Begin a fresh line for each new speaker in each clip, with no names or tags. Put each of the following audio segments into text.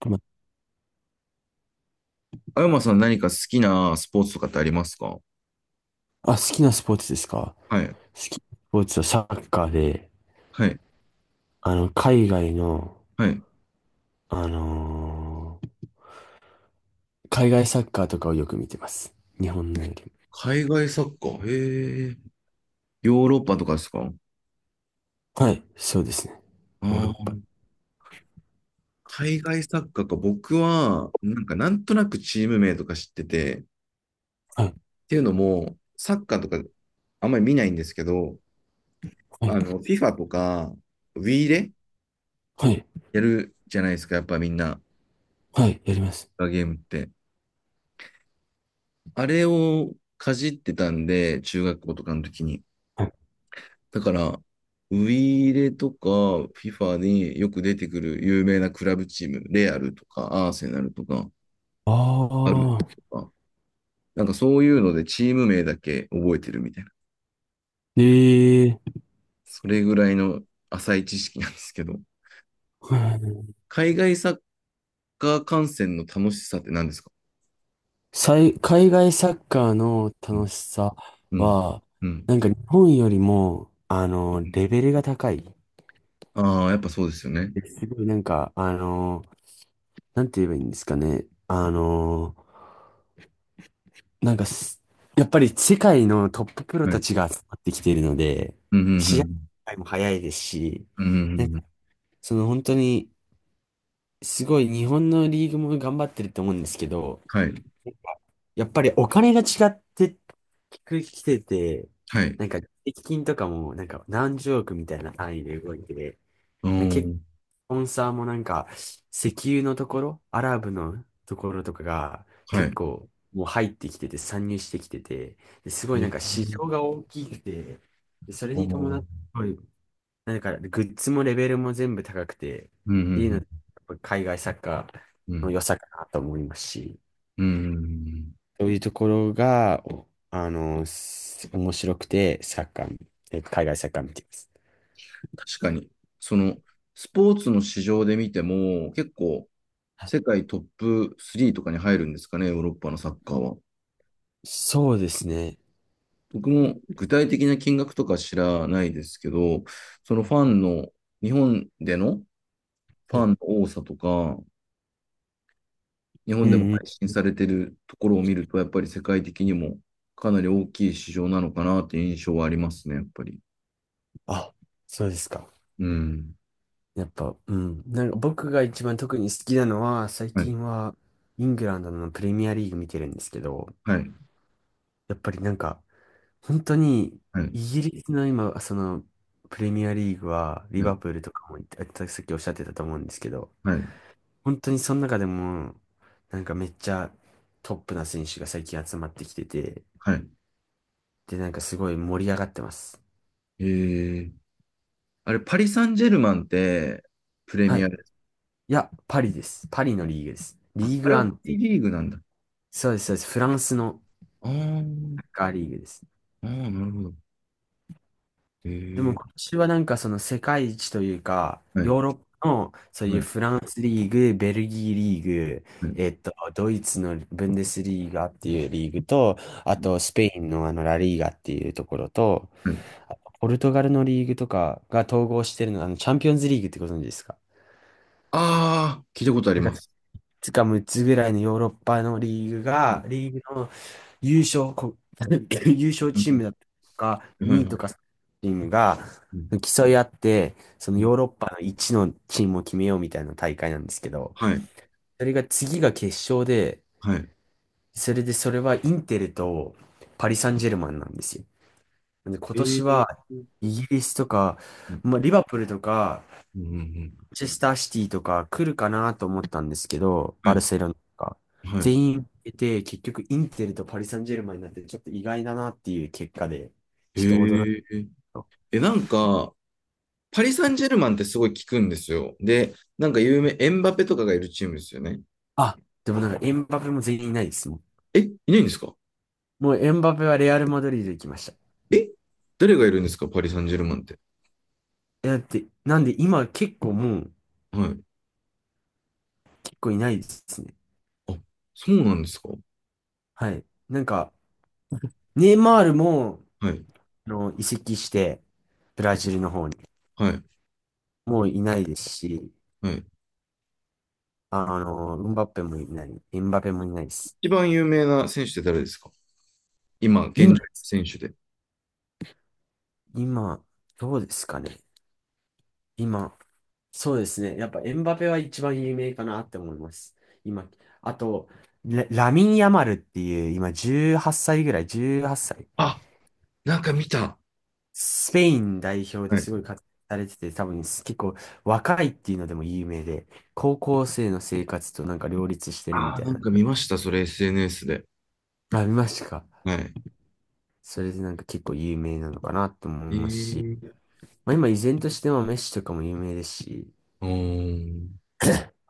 ま
あやまさん、何か好きなスポーツとかってありますか？
好きなスポーツですか？
はい。
好きなスポーツはサッカーで、
はい。
海外の、
はい。
あのー海外サッカーとかをよく見てます。日本のより
海外サッカー。へえ。ヨーロッパとかですか？あ
も。はい、そうですね。
あ
ヨーロッパ。
ー。海外サッカーか。僕は、なんかなんとなくチーム名とか知ってて、っ
はい、
ていうのも、サッカーとかあんまり見ないんですけど、
はい、
FIFA とか、Wii で
はい、
やるじゃないですか。やっぱみんな、
はい、やります。
ゲームって。あれをかじってたんで、中学校とかの時に。
はい、
だから、ウイイレとか FIFA によく出てくる有名なクラブチーム、レアルとかアーセナルとか、
あ
アル
あ、
とか、なんかそういうのでチーム名だけ覚えてるみたいな。
ええ
それぐらいの浅い知識なんですけど、
ー、
海外サッカー観戦の楽しさって何ですか？
海外サッカーの
うん。
楽しさ
うん。
は、
うん。
なんか日本よりも、レベルが高い。
ああ、やっぱそうですよね。
すごいなんか、なんて言えばいいんですかね。あのーなんかす、やっぱり世界のトッププロ
は
た
い。
ちが集まってきているので、
うん、う
試
ん、
合も早いですし、
うん。うん、うんう
なん
んう
か、
ん。
その本当に、すごい日本のリーグも頑張ってると思うんですけど、
はい。
やっぱりお金が違ってきてて、
はい。
なんか、税金とかもなんか何十億みたいな単位で動いて、
う
結構、
ん。
スポンサーもなんか、石油のところ、アラブのところとかが
は
結
い。
構もう入ってきてて、参入してきてて、ですご
え
いなんか市
ー、
場が大きくて、でそれ
あ
に伴
ー、
って、すごいなんかグッズもレベルも全部高くて、っ
うん、うん、う
ていうの、や
ん。
っぱ海外サッカー
う
の良
ん、
さかなと思いますし、
うーん。
そういうところが、おあの、す面白くて、サッカー、海外サッカー見てます。
確かに。その、スポーツの市場で見ても、結構、
はい、
世界トップ3とかに入るんですかね、ヨーロッパのサッカーは。
そうですね。
僕も具体的な金額とか知らないですけど、そのファンの、日本でのフ
う
ァン
ん、
の多さとか、日
う
本でも
ん、
配信されてるところを見ると、やっぱり世界的にもかなり大きい市場なのかなっていう印象はありますね、やっぱり。
あ、そうですか。
うん。
やっぱ、うん。なんか僕が一番特に好きなのは、最
はい。
近はイングランドのプレミアリーグ見てるんですけど、
はい。
やっぱりなんか、本当に
は
イ
い。
ギリスの今、そのプレミアリーグは、リ
は
バ
い。
プールとかも、さっきおっしゃってたと思うんですけど、
はい。
本当にその中でも、なんかめっちゃトップな選手が最近集まってきてて、
はい。
で、なんかすごい盛り上がってます。
えー、あれ、パリ・サンジェルマンって、プレ
は
ミア
い。
です。
いや、パリです。パリのリーグです。
あ、
リー
あ
グ
れ
ア
は
ンっ
P
て、
リーグなんだ。
そうです、そうです。フランスの、
あー、
サッカーリーグです。
あー、なるほど。へ
でも
え。
今年はなんかその世界一というか、
はい、
ヨーロッパのそう
は
いう
い、
フランスリーグ、ベルギーリーグ、
はい、
ドイツのブンデスリーガっていうリーグと、あとスペインのあのラリーガっていうところと、
はい。
あとポルトガルのリーグとかが統合してるのが、あのチャンピオンズリーグってご存知ですか？
ああ、聞いたことあり
なん
ま
か
す。
つか6つぐらいのヨーロッパのリーグ
はい、
が、リーグの優勝、こ 優勝
う
チームだったり
ん、
とか、
は
2
い、
位
はい、
とかチームが
うん、
競い合って、その
うん、
ヨーロッパの1のチームを決めようみたいな大会なんですけど、
はい、
それが次が決勝で、
はい。
それでそれはインテルとパリ・サンジェルマンなんですよ。なんで今
え
年は
え。う
イギリスとか、
ん、
まあ、リバプールとか
うん、うん。
マンチェスターシティとか来るかなと思ったんですけど、
は
バル
い、
セロナとか。
はい。
全員出て、結局インテルとパリ・サンジェルマンになって、ちょっと意外だなっていう結果で、
へ
ちょっと驚い
え。
た。
え、なんか、パリ・サンジェルマンってすごい聞くんですよ。で、なんか有名、エンバペとかがいるチームですよね。
あ、でもなんかエンバペも全員いないですもん。
え、いないんですか？
もうエンバペはレアル・マドリード行きました。
え、誰がいるんですか、パリ・サンジェルマンって。
え、だって、なんで今結構もう、
はい。
結構いないですね。
あ、そうなんですか。は
はい。なんか、ネイマールも、
い。
移籍して、ブラジルの方に。
はい。
もういないですし、
はい。
ウンバッペもいない、エンバペもいないです。
一番有名な選手って誰ですか？今、現状
今
選手で。
今、どうですかね。今、そうですね。やっぱエムバペは一番有名かなって思います。今、あと、ラミン・ヤマルっていう、今18歳ぐらい、18歳。
あ、なんか見た。
スペイン代表で
はい。
すごい活躍されてて、多分結構若いっていうのでも有名で、高校生の生活となんか両立してるみ
ああ、
たい
なん
な。
か見ました。それ SNS で。
あ、見ましたか。
はい。
それでなんか結構有名なのかなと思い
え
ますし、
ー。
まあ、今依然としてはメッシとかも有名ですし、
うーん。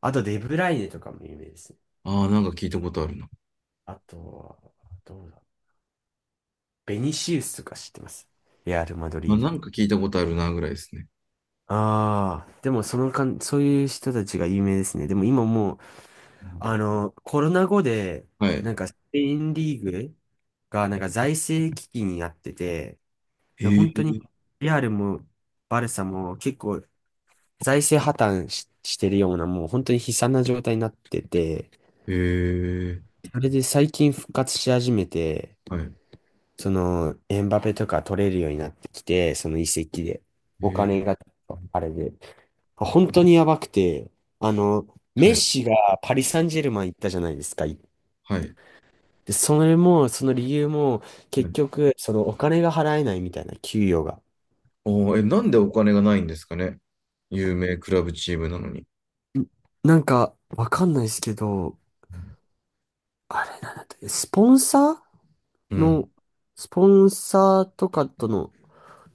あとデブライネとかも有名ですね。
ああ、なんか聞いたことあるな。
あとは、どうだ。ベニシウスとか知ってます。レアル・マド
まあ、
リー
な
ドの。
んか聞いたことあるな、ぐらいですね。
ああ、でもそのかん、そういう人たちが有名ですね。でも今もう、
うん。
コロナ後で、
はい。
なんかスペインリーグがなんか財政危機になってて、
え
本当に
ー。
レアルもバルサも結構財政破綻し、してるような、もう本当に悲惨な状態になってて、
えー。
それで最近復活し始めて、
はい。
その、エンバペとか取れるようになってきて、その移籍で。お
えー。
金が、あれで。本当にやばくて、あの、メ
は
ッ
い。
シがパリ・サンジェルマン行ったじゃないですか。で、
はい。
それも、その理由も、
は
結
い。
局、そのお金が払えないみたいな、給与が。
おー、え、なんでお金がないんですかね、有名クラブチームなのに。
んなんか、わかんないですけど、あれなんだって、スポンサー
うん。
の、スポンサーとかとの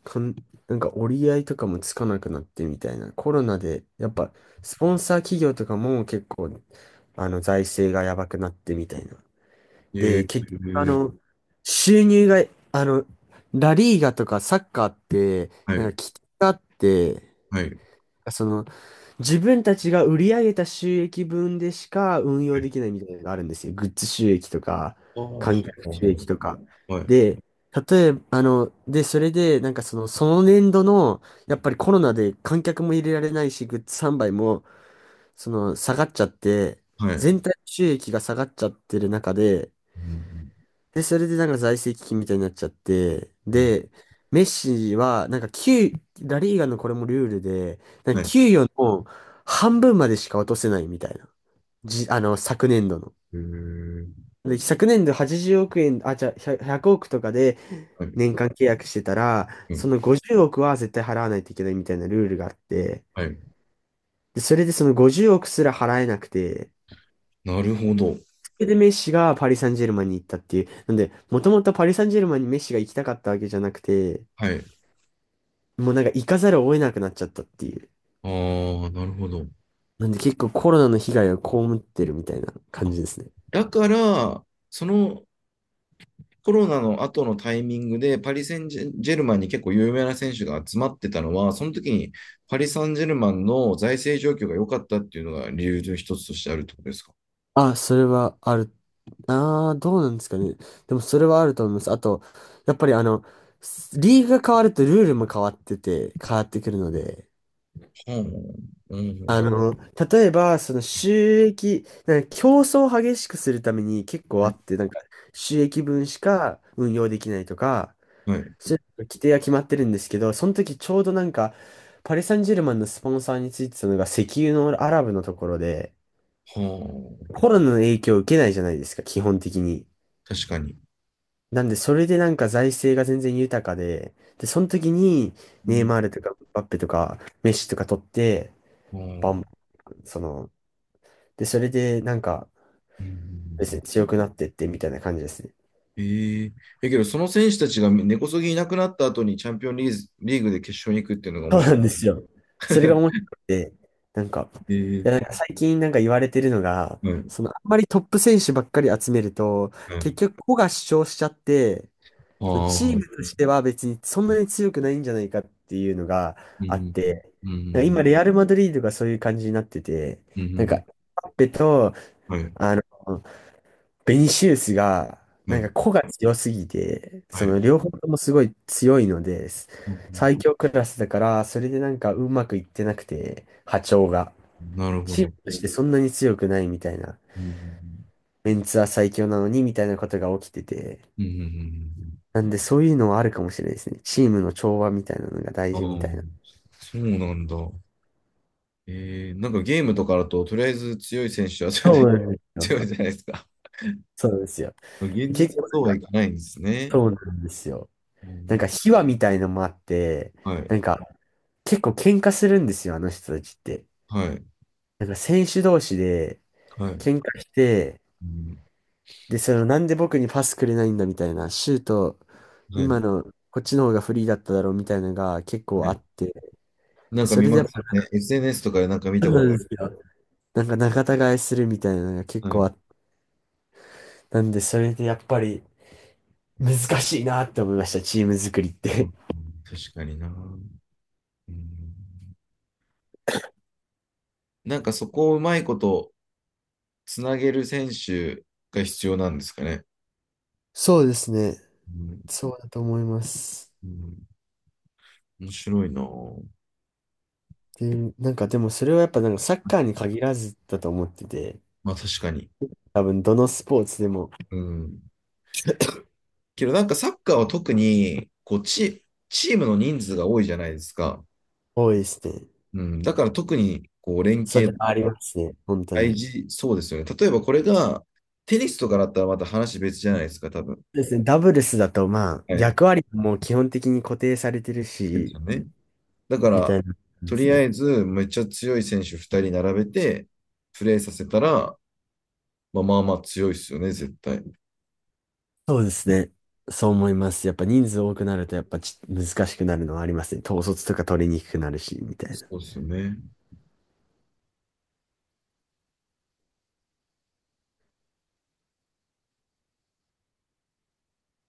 かん、なんか折り合いとかもつかなくなってみたいな。コロナで、やっぱ、スポンサー企業とかも結構、財政がやばくなってみたいな。で、
ええ、
結局、収入が、あの、ラリーガとかサッカーって、
は
なん
い、
か、危機があって、
はい、はい。
その、自分たちが売り上げた収益分でしか運用できないみたいなのがあるんですよ。グッズ収益とか、
ああ、は
観客
あ、
収益
は
とか。
あ、はい、
で、例えば、それで、なんかその、その年度の、やっぱりコロナで観客も入れられないし、グッズ販売も、その、下がっちゃって、
はい。
全体収益が下がっちゃってる中で、
うん、
で、それでなんか財政危機みたいになっちゃって、
うん、
で、メッシは、なんか給、ラリーガのこれもルールで、なん
は
か
い。
給与の半分までしか落とせないみたいな。じ、あの、昨年度の。
えー、
で、昨年度80億円、あ、じゃあ、100億とかで
はい、
年間契約してたら、
う
そ
ん、
の50億は絶対払わないといけないみたいなルールがあって、
はい。
で、それでその50億すら払えなくて、
なるほど。
それでメッシがパリ・サンジェルマンに行ったっていう。なんで、もともとパリ・サンジェルマンにメッシが行きたかったわけじゃなくて、
はい。
もうなんか行かざるを得なくなっちゃったっていう。
ああ、なるほど。
なんで結構コロナの被害を被ってるみたいな感
あ、
じですね。
だから、そのコロナの後のタイミングで、パリ・センジェジェルマンに結構有名な選手が集まってたのは、その時にパリ・サンジェルマンの財政状況が良かったっていうのが理由の一つとしてあるってことですか。
あ、それはある。ああ、どうなんですかね。でもそれはあると思います。あと、やっぱりリーグが変わるとルールも変わってて、変わってくるので、
はあ、う
あ
ん、
の、例えば、その収益、なんか競争を激しくするために結構
は
あ
い、
って、なんか収益分しか運用できないとか、
はい。
規定は決まってるんですけど、その時ちょうどなんか、パリ・サンジェルマンのスポンサーについてたのが石油のアラブのところで、
は
コロナの影響を受けないじゃないですか、基本的に。
あ、確かに。
なんで、それでなんか財政が全然豊かで、で、その時に、
う
ネイ
ん。
マールとか、バッペとか、メッシとか取って、
う
バン
ん、
バン、それでなんか、
う
ですね、
ん。
強くなってってみたいな感じですね。
えええ、けど、その選手たちが根こそぎいなくなった後にチャンピオンリーズ、リーグで決勝に行くっていうのが
そ
面
う
白
な
い。
んですよ。それが面 白くて、なんか、い
ええ、
や、なんか最近なんか言われてるのが、
はい、
そのあんまりトップ選手ばっかり集めると、
はい。
結局個が主張しちゃって、
あ
そのチー
あ、
ムとしては別にそんなに強くないんじゃないかっていうのが
う
あっ
ん、
て、
う
なんか
ん、
今レアル・マドリードがそういう感じになってて、
う
なんか、エ
ん、
ムバペと、
はい、
あの、ベニシウスが、
は
なんか
い、
個が強すぎて、
は
その
い。
両方ともすごい強いのです。
うん、
最強クラスだから、それでなんかうまくいってなくて、波長が。
なるほ
チー
ど。
ムとしてそんなに強くないみたいな。
うん、
メンツは最強なのにみたいなことが起きてて。
うん、うん、
なんでそういうのはあるかもしれないですね。チームの調和みたいなのが大
あ
事みたい
あ、
な。
そうなんだ。ええ、なんかゲームとかだと、とりあえず強い選手はそれ
そう
で
なんで すよ。
強いじゃないですか。
そうなんですよ。
現
結
実は
構
そう
な
はい
んか、
かないんですね。
そうなんですよ。
う
なんか
ん、
秘話みたいのもあって、
はい。
なんか結構喧嘩するんですよ、あの人たちって。
はい。
なんか選手同士で
はい。
喧嘩して、
うん、
で、そのなんで僕にパスくれないんだみたいな、シュート、
は
今
い。
のこっちの方がフリーだっただろうみたいなのが結
は
構あ
い。
って、
なんか
そ
見
れで
ま
やっ
す
ぱ、
ね。SNS とかでなんか見
そ
た
う
こ
な
と
ん
あ
で
る。
すよ。なんか仲違いするみたいなのが結
はい。う
構あっ
ん、
て、なんでそれでやっぱり難しいなって思いました、チーム作りって。
確かにな。うん、なんかそこをうまいことつなげる選手が必要なんですかね。
そうですね。
うん、
そうだと思います。
うん、面白いな。
で、なんかでもそれはやっぱなんかサッカーに限らずだと思ってて、
まあ確かに。
多分どのスポーツでも
うん。けどなんかサッカーは特にこうチ、チームの人数が多いじゃないですか。
多いですね。
うん。だから特にこう連
そ
携
れ
と
はあり
か
ますね、本当
大
に。
事、そうですよね。例えばこれが、テニスとかだったらまた話別じゃないですか、多分。
ですね、ダブルスだとまあ
はい。
役割も基本的に固定されてる
です
し、
よね。だか
みた
ら、
いなこと
と
で
り
す
あ
ね。
えず、めっちゃ強い選手2人並べて、プレーさせたら、まあまあまあ強いですよね、絶対。
そうですね。そう思います。やっぱ人数多くなるとやっぱ難しくなるのはありますね。統率とか取りにくくなるし、みたい
そ
な。
うですよね。